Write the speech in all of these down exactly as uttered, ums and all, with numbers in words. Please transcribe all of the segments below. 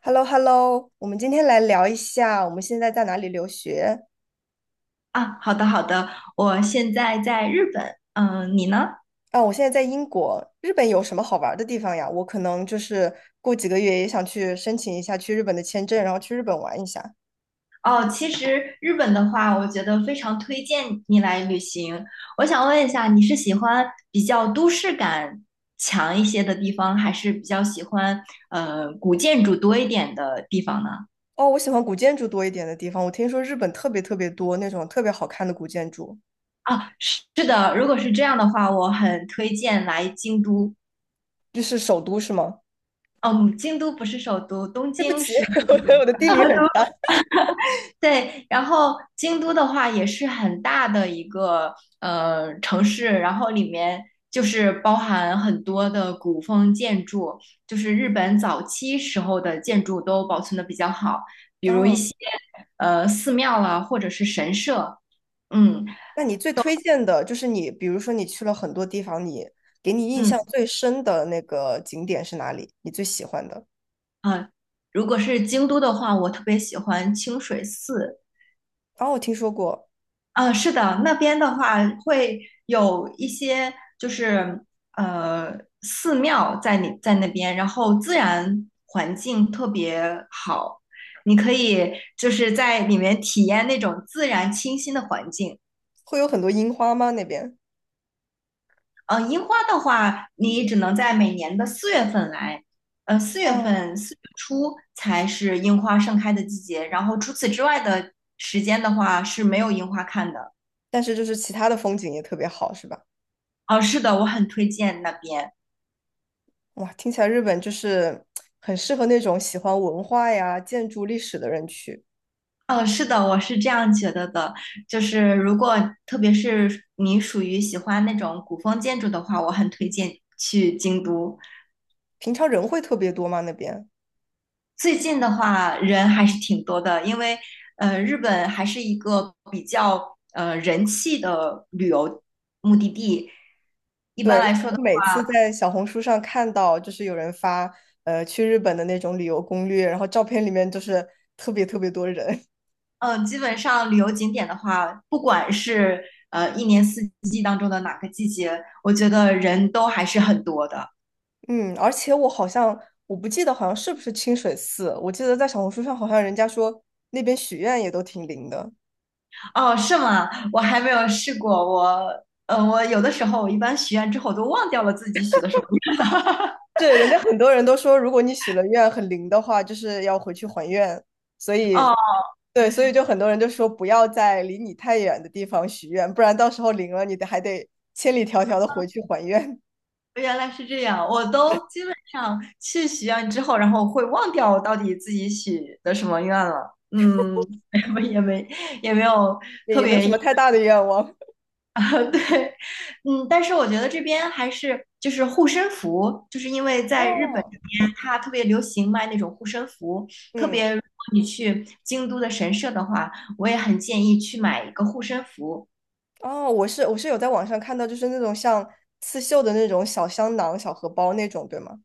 h e l l o h e l l o 我们今天来聊一下我们现在在哪里留学。啊，好的好的，我现在在日本，嗯，你呢？啊？我现在在英国，日本有什么好玩的地方呀？我可能就是过几个月也想去申请一下去日本的签证，然后去日本玩一下。哦，其实日本的话，我觉得非常推荐你来旅行。我想问一下，你是喜欢比较都市感强一些的地方，还是比较喜欢呃古建筑多一点的地方呢？哦，我喜欢古建筑多一点的地方，我听说日本特别特别多那种特别好看的古建筑，啊，是是的，如果是这样的话，我很推荐来京都。就是首都是吗？哦嗯，京都不是首都，东 对不京起，是。我的地理很差。对，然后京都的话也是很大的一个呃城市，然后里面就是包含很多的古风建筑，就是日本早期时候的建筑都保存的比较好，比如一嗯，些呃寺庙啦，或者是神社，嗯那你最推荐的就是你，比如说你去了很多地方，你给你印象嗯最深的那个景点是哪里？你最喜欢的？啊，如果是京都的话，我特别喜欢清水寺，哦，我听说过，啊，是的，那边的话会有一些就是呃寺庙在你在那边，然后自然环境特别好，你可以就是在里面体验那种自然清新的环境。会有很多樱花吗？那边？呃，樱花的话，你只能在每年的四月份来，呃，四月嗯，份四月初才是樱花盛开的季节，然后除此之外的时间的话是没有樱花看的。但是就是其他的风景也特别好，是吧？哦，是的，我很推荐那边。哇，听起来日本就是很适合那种喜欢文化呀、建筑历史的人去。嗯，呃是的，我是这样觉得的，就是如果特别是你属于喜欢那种古风建筑的话，我很推荐去京都。平常人会特别多吗？那边？最近的话，人还是挺多的，因为呃，日本还是一个比较呃人气的旅游目的地。一对，般因为来说的，我每次在小红书上看到，就是有人发呃去日本的那种旅游攻略，然后照片里面就是特别特别多人。呃，基本上旅游景点的话，不管是呃一年四季当中的哪个季节，我觉得人都还是很多的。嗯，而且我好像我不记得好像是不是清水寺，我记得在小红书上好像人家说那边许愿也都挺灵的。哦，是吗？我还没有试过。我，呃，我有的时候我一般许愿之后都忘掉了自己许的什么是人家很多人都说，如果你许了愿很灵的话，就是要回去还愿。所愿。以，哦，对，所以就很多人就说不要在离你太远的地方许愿，不然到时候灵了，你得还得千里迢迢的回去还愿，原来是这样。我都基本上去许愿之后，然后会忘掉我到底自己许的什么愿了。嗯，也没也没也没有 也特也没有别什硬。么太大的愿望。对，嗯，但是我觉得这边还是就是护身符，就是因为在日本哦，这边它特别流行卖那种护身符，特嗯，别如果你去京都的神社的话，我也很建议去买一个护身符，哦，我是我是有在网上看到，就是那种像刺绣的那种小香囊、小荷包那种，对吗？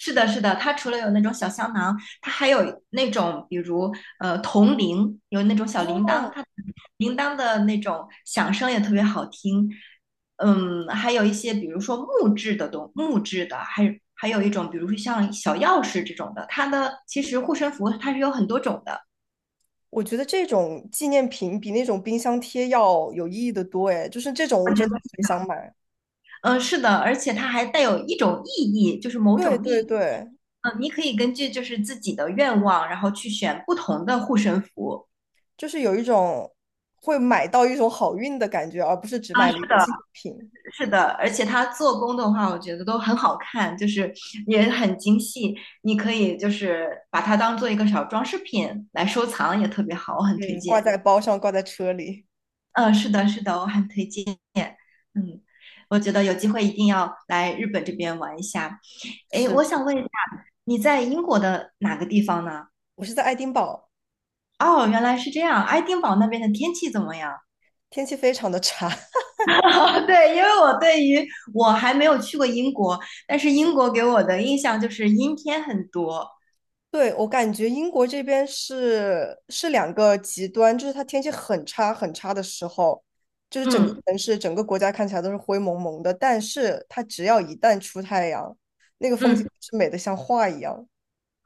是的，是的，它除了有那种小香囊，它还有那种，比如呃铜铃，有那种小铃铛，哦，它铃铛的那种响声也特别好听。嗯，还有一些，比如说木质的东，木质的，还有还有一种，比如说像小钥匙这种的，它的其实护身符它是有很多种的。我觉得这种纪念品比那种冰箱贴要有意义的多，哎，就是这种我我觉真的得很想买。嗯，是的，而且它还带有一种意义，就是某对种意对义。对，嗯，你可以根据就是自己的愿望，然后去选不同的护身符。就是有一种会买到一种好运的感觉，而不是只买了一个的。纪念品。是的，而且它做工的话，我觉得都很好看，就是也很精细。你可以就是把它当做一个小装饰品来收藏，也特别好，我很推嗯，挂荐。在包上，挂在车里。嗯，是的，是的，我很推荐。嗯，我觉得有机会一定要来日本这边玩一下。诶，是，我是想问一下，你在英国的哪个地方呢？我是在爱丁堡，哦，原来是这样。爱丁堡那边的天气怎么样？天气非常的差。对，因为我对于我还没有去过英国，但是英国给我的印象就是阴天很多，对，我感觉英国这边是是两个极端，就是它天气很差很差的时候，就是整个嗯城市、整个国家看起来都是灰蒙蒙的，但是它只要一旦出太阳，那个风景嗯，是美的像画一样。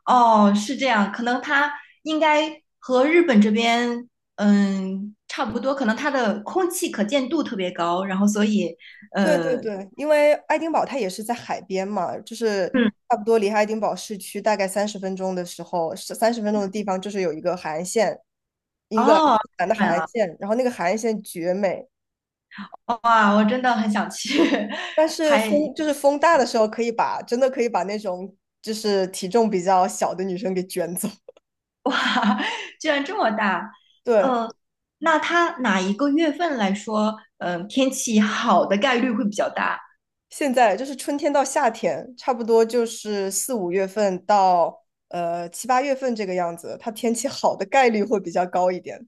哦，是这样，可能它应该和日本这边，嗯，差不多，可能它的空气可见度特别高，然后所以，对呃，对对，因为爱丁堡它也是在海边嘛，就是嗯，差不多离爱丁堡市区大概三十分钟的时候，三十分钟的地方就是有一个海岸线，英格兰苏哦，格兰的日海本岸了，线，然后那个海岸线绝美，哇，我真的很想去，但 是还，风就是风大的时候，可以把真的可以把那种就是体重比较小的女生给卷走。哇，居然这么大，对，呃，那它哪一个月份来说，嗯、天气好的概率会比较大？现在就是春天到夏天，差不多就是四五月份到呃七八月份这个样子，它天气好的概率会比较高一点。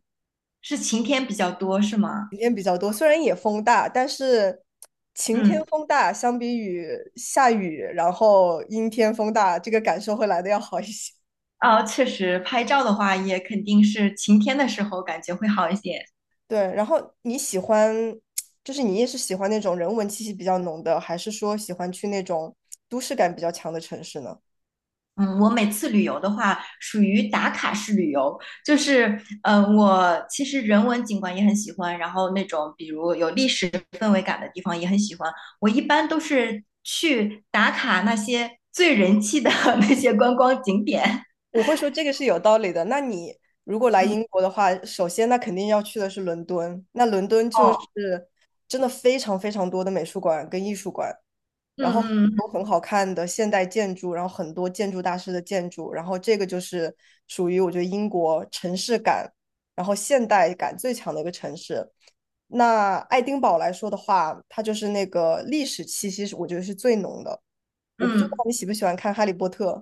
是晴天比较多，是吗？雨天比较多，虽然也风大，但是晴天嗯。风大相比于下雨，然后阴天风大，这个感受会来的要好一些。哦，确实，拍照的话也肯定是晴天的时候感觉会好一些。对，然后你喜欢，就是你也是喜欢那种人文气息比较浓的，还是说喜欢去那种都市感比较强的城市呢？嗯，我每次旅游的话，属于打卡式旅游，就是嗯，我其实人文景观也很喜欢，然后那种比如有历史氛围感的地方也很喜欢。我一般都是去打卡那些最人气的 那些观光景点。我会说这个是有道理的。那你如果来嗯，英国的话，首先那肯定要去的是伦敦，那伦敦就哦，是真的非常非常多的美术馆跟艺术馆。然嗯后很嗯多很好看的现代建筑，然后很多建筑大师的建筑，然后这个就是属于我觉得英国城市感，然后现代感最强的一个城市。那爱丁堡来说的话，它就是那个历史气息是我觉得是最浓的。我不知道嗯，你喜不喜欢看《哈利波特》，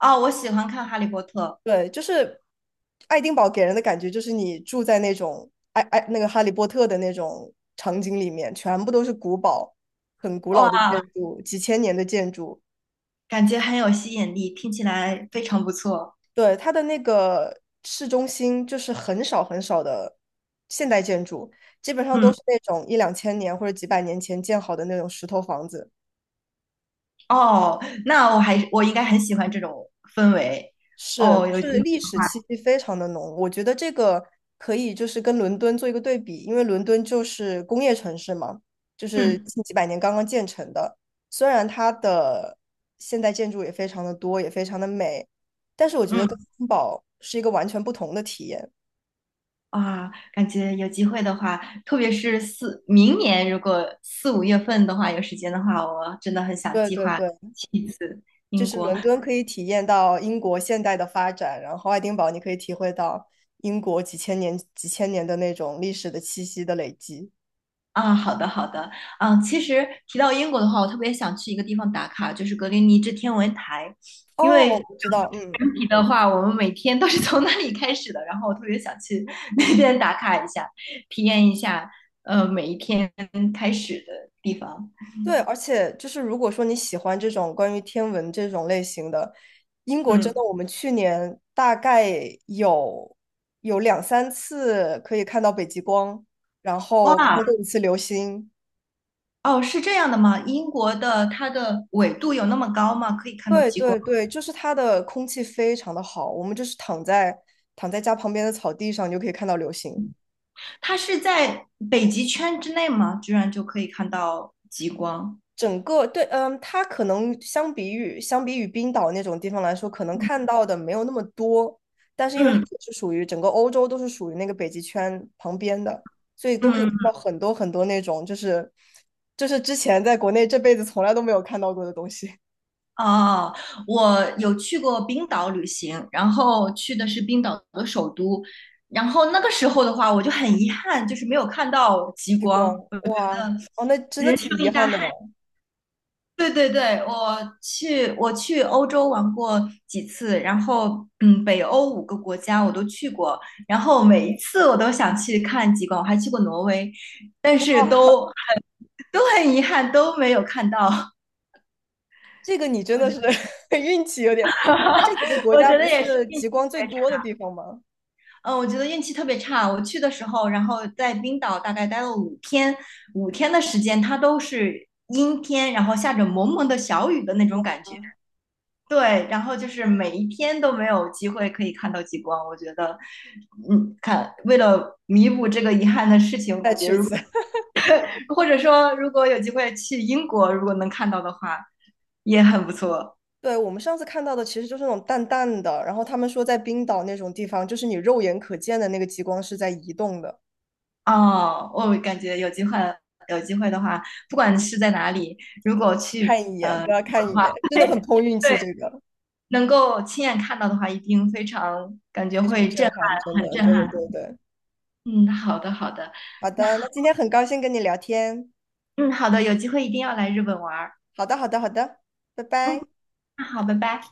哦，我喜欢看《哈利波特》，对，就是爱丁堡给人的感觉就是你住在那种爱爱那个《哈利波特》的那种场景里面，全部都是古堡，很古老的哇，建筑，几千年的建筑。感觉很有吸引力，听起来非常不错。对，它的那个市中心就是很少很少的现代建筑，基本上都嗯。是那种一两千年或者几百年前建好的那种石头房子，哦，那我还我应该很喜欢这种氛围。是，哦，就有机会是的历史话，气息非常的浓。我觉得这个可以就是跟伦敦做一个对比，因为伦敦就是工业城市嘛，就是嗯近几百年刚刚建成的，虽然它的现代建筑也非常的多，也非常的美，但是我觉得跟嗯森堡是一个完全不同的体验。啊，感觉有机会的话，特别是四明年如果四五月份的话有时间的话，我真的很想对计对划对。去一次就英是国伦敦可以体验到英国现代的发展，然后爱丁堡你可以体会到英国几千年、几千年的那种历史的气息的累积。啊。好的好的，啊，其实提到英国的话，我特别想去一个地方打卡，就是格林尼治天文台，因哦，为我知道，嗯，的话，我们每天都是从那里开始的。然后我特别想去那边打卡一下，体验一下，呃，每一天开始的地方。对，而且就是如果说你喜欢这种关于天文这种类型的，英国真嗯，的，我们去年大概有有两三次可以看到北极光，然后看哇，过一次流星。哦，是这样的吗？英国的它的纬度有那么高吗？可以看到对极对光？对，就是它的空气非常的好，我们就是躺在躺在家旁边的草地上，你就可以看到流星。它是在北极圈之内吗？居然就可以看到极光？整个对，嗯，它可能相比于相比于冰岛那种地方来说，可能嗯看到的没有那么多，但是因为它嗯。也是属于整个欧洲都是属于那个北极圈旁边的，所以都可以看嗯到很多很多那种就是就是之前在国内这辈子从来都没有看到过的东西，哦，我有去过冰岛旅行，然后去的是冰岛的首都，然后那个时候的话，我就很遗憾，就是没有看到极 极光，光，哇，哦，那真的人挺生遗一大憾的憾。哎对对对，我去我去欧洲玩过几次，然后嗯，北欧五个国家我都去过，然后每一次我都想去看极光，我还去过挪威，但是哇。都都很遗憾都没有看到，这个你 真我觉的是 得 运气有点，因为它这几个国我家觉不得也是。是极光最多的地方吗？嗯，我觉得运气特别差。我去的时候，然后在冰岛大概待了五天，五天的时间，它都是阴天，然后下着蒙蒙的小雨的那种感觉。啊，对，然后就是每一天都没有机会可以看到极光。我觉得，嗯，看，为了弥补这个遗憾的事情，我再感觉去一如次。或者说如果有机会去英国，如果能看到的话，也很不错。对，我们上次看到的其实就是那种淡淡的，然后他们说在冰岛那种地方，就是你肉眼可见的那个极光是在移动的，哦，我感觉有机会，有机会的话，不管是在哪里，如果去看一眼呃都中要看国一的眼，话，真的很对碰运气，对，这个能够亲眼看到的话，一定非常感觉非常会震震撼，真撼，很的。对震对对撼。对，嗯，好的好的，好那的，那今天很高兴跟你聊天。嗯好的，有机会一定要来日本玩儿。好的，好的，好的，拜嗯，拜。那好，拜拜。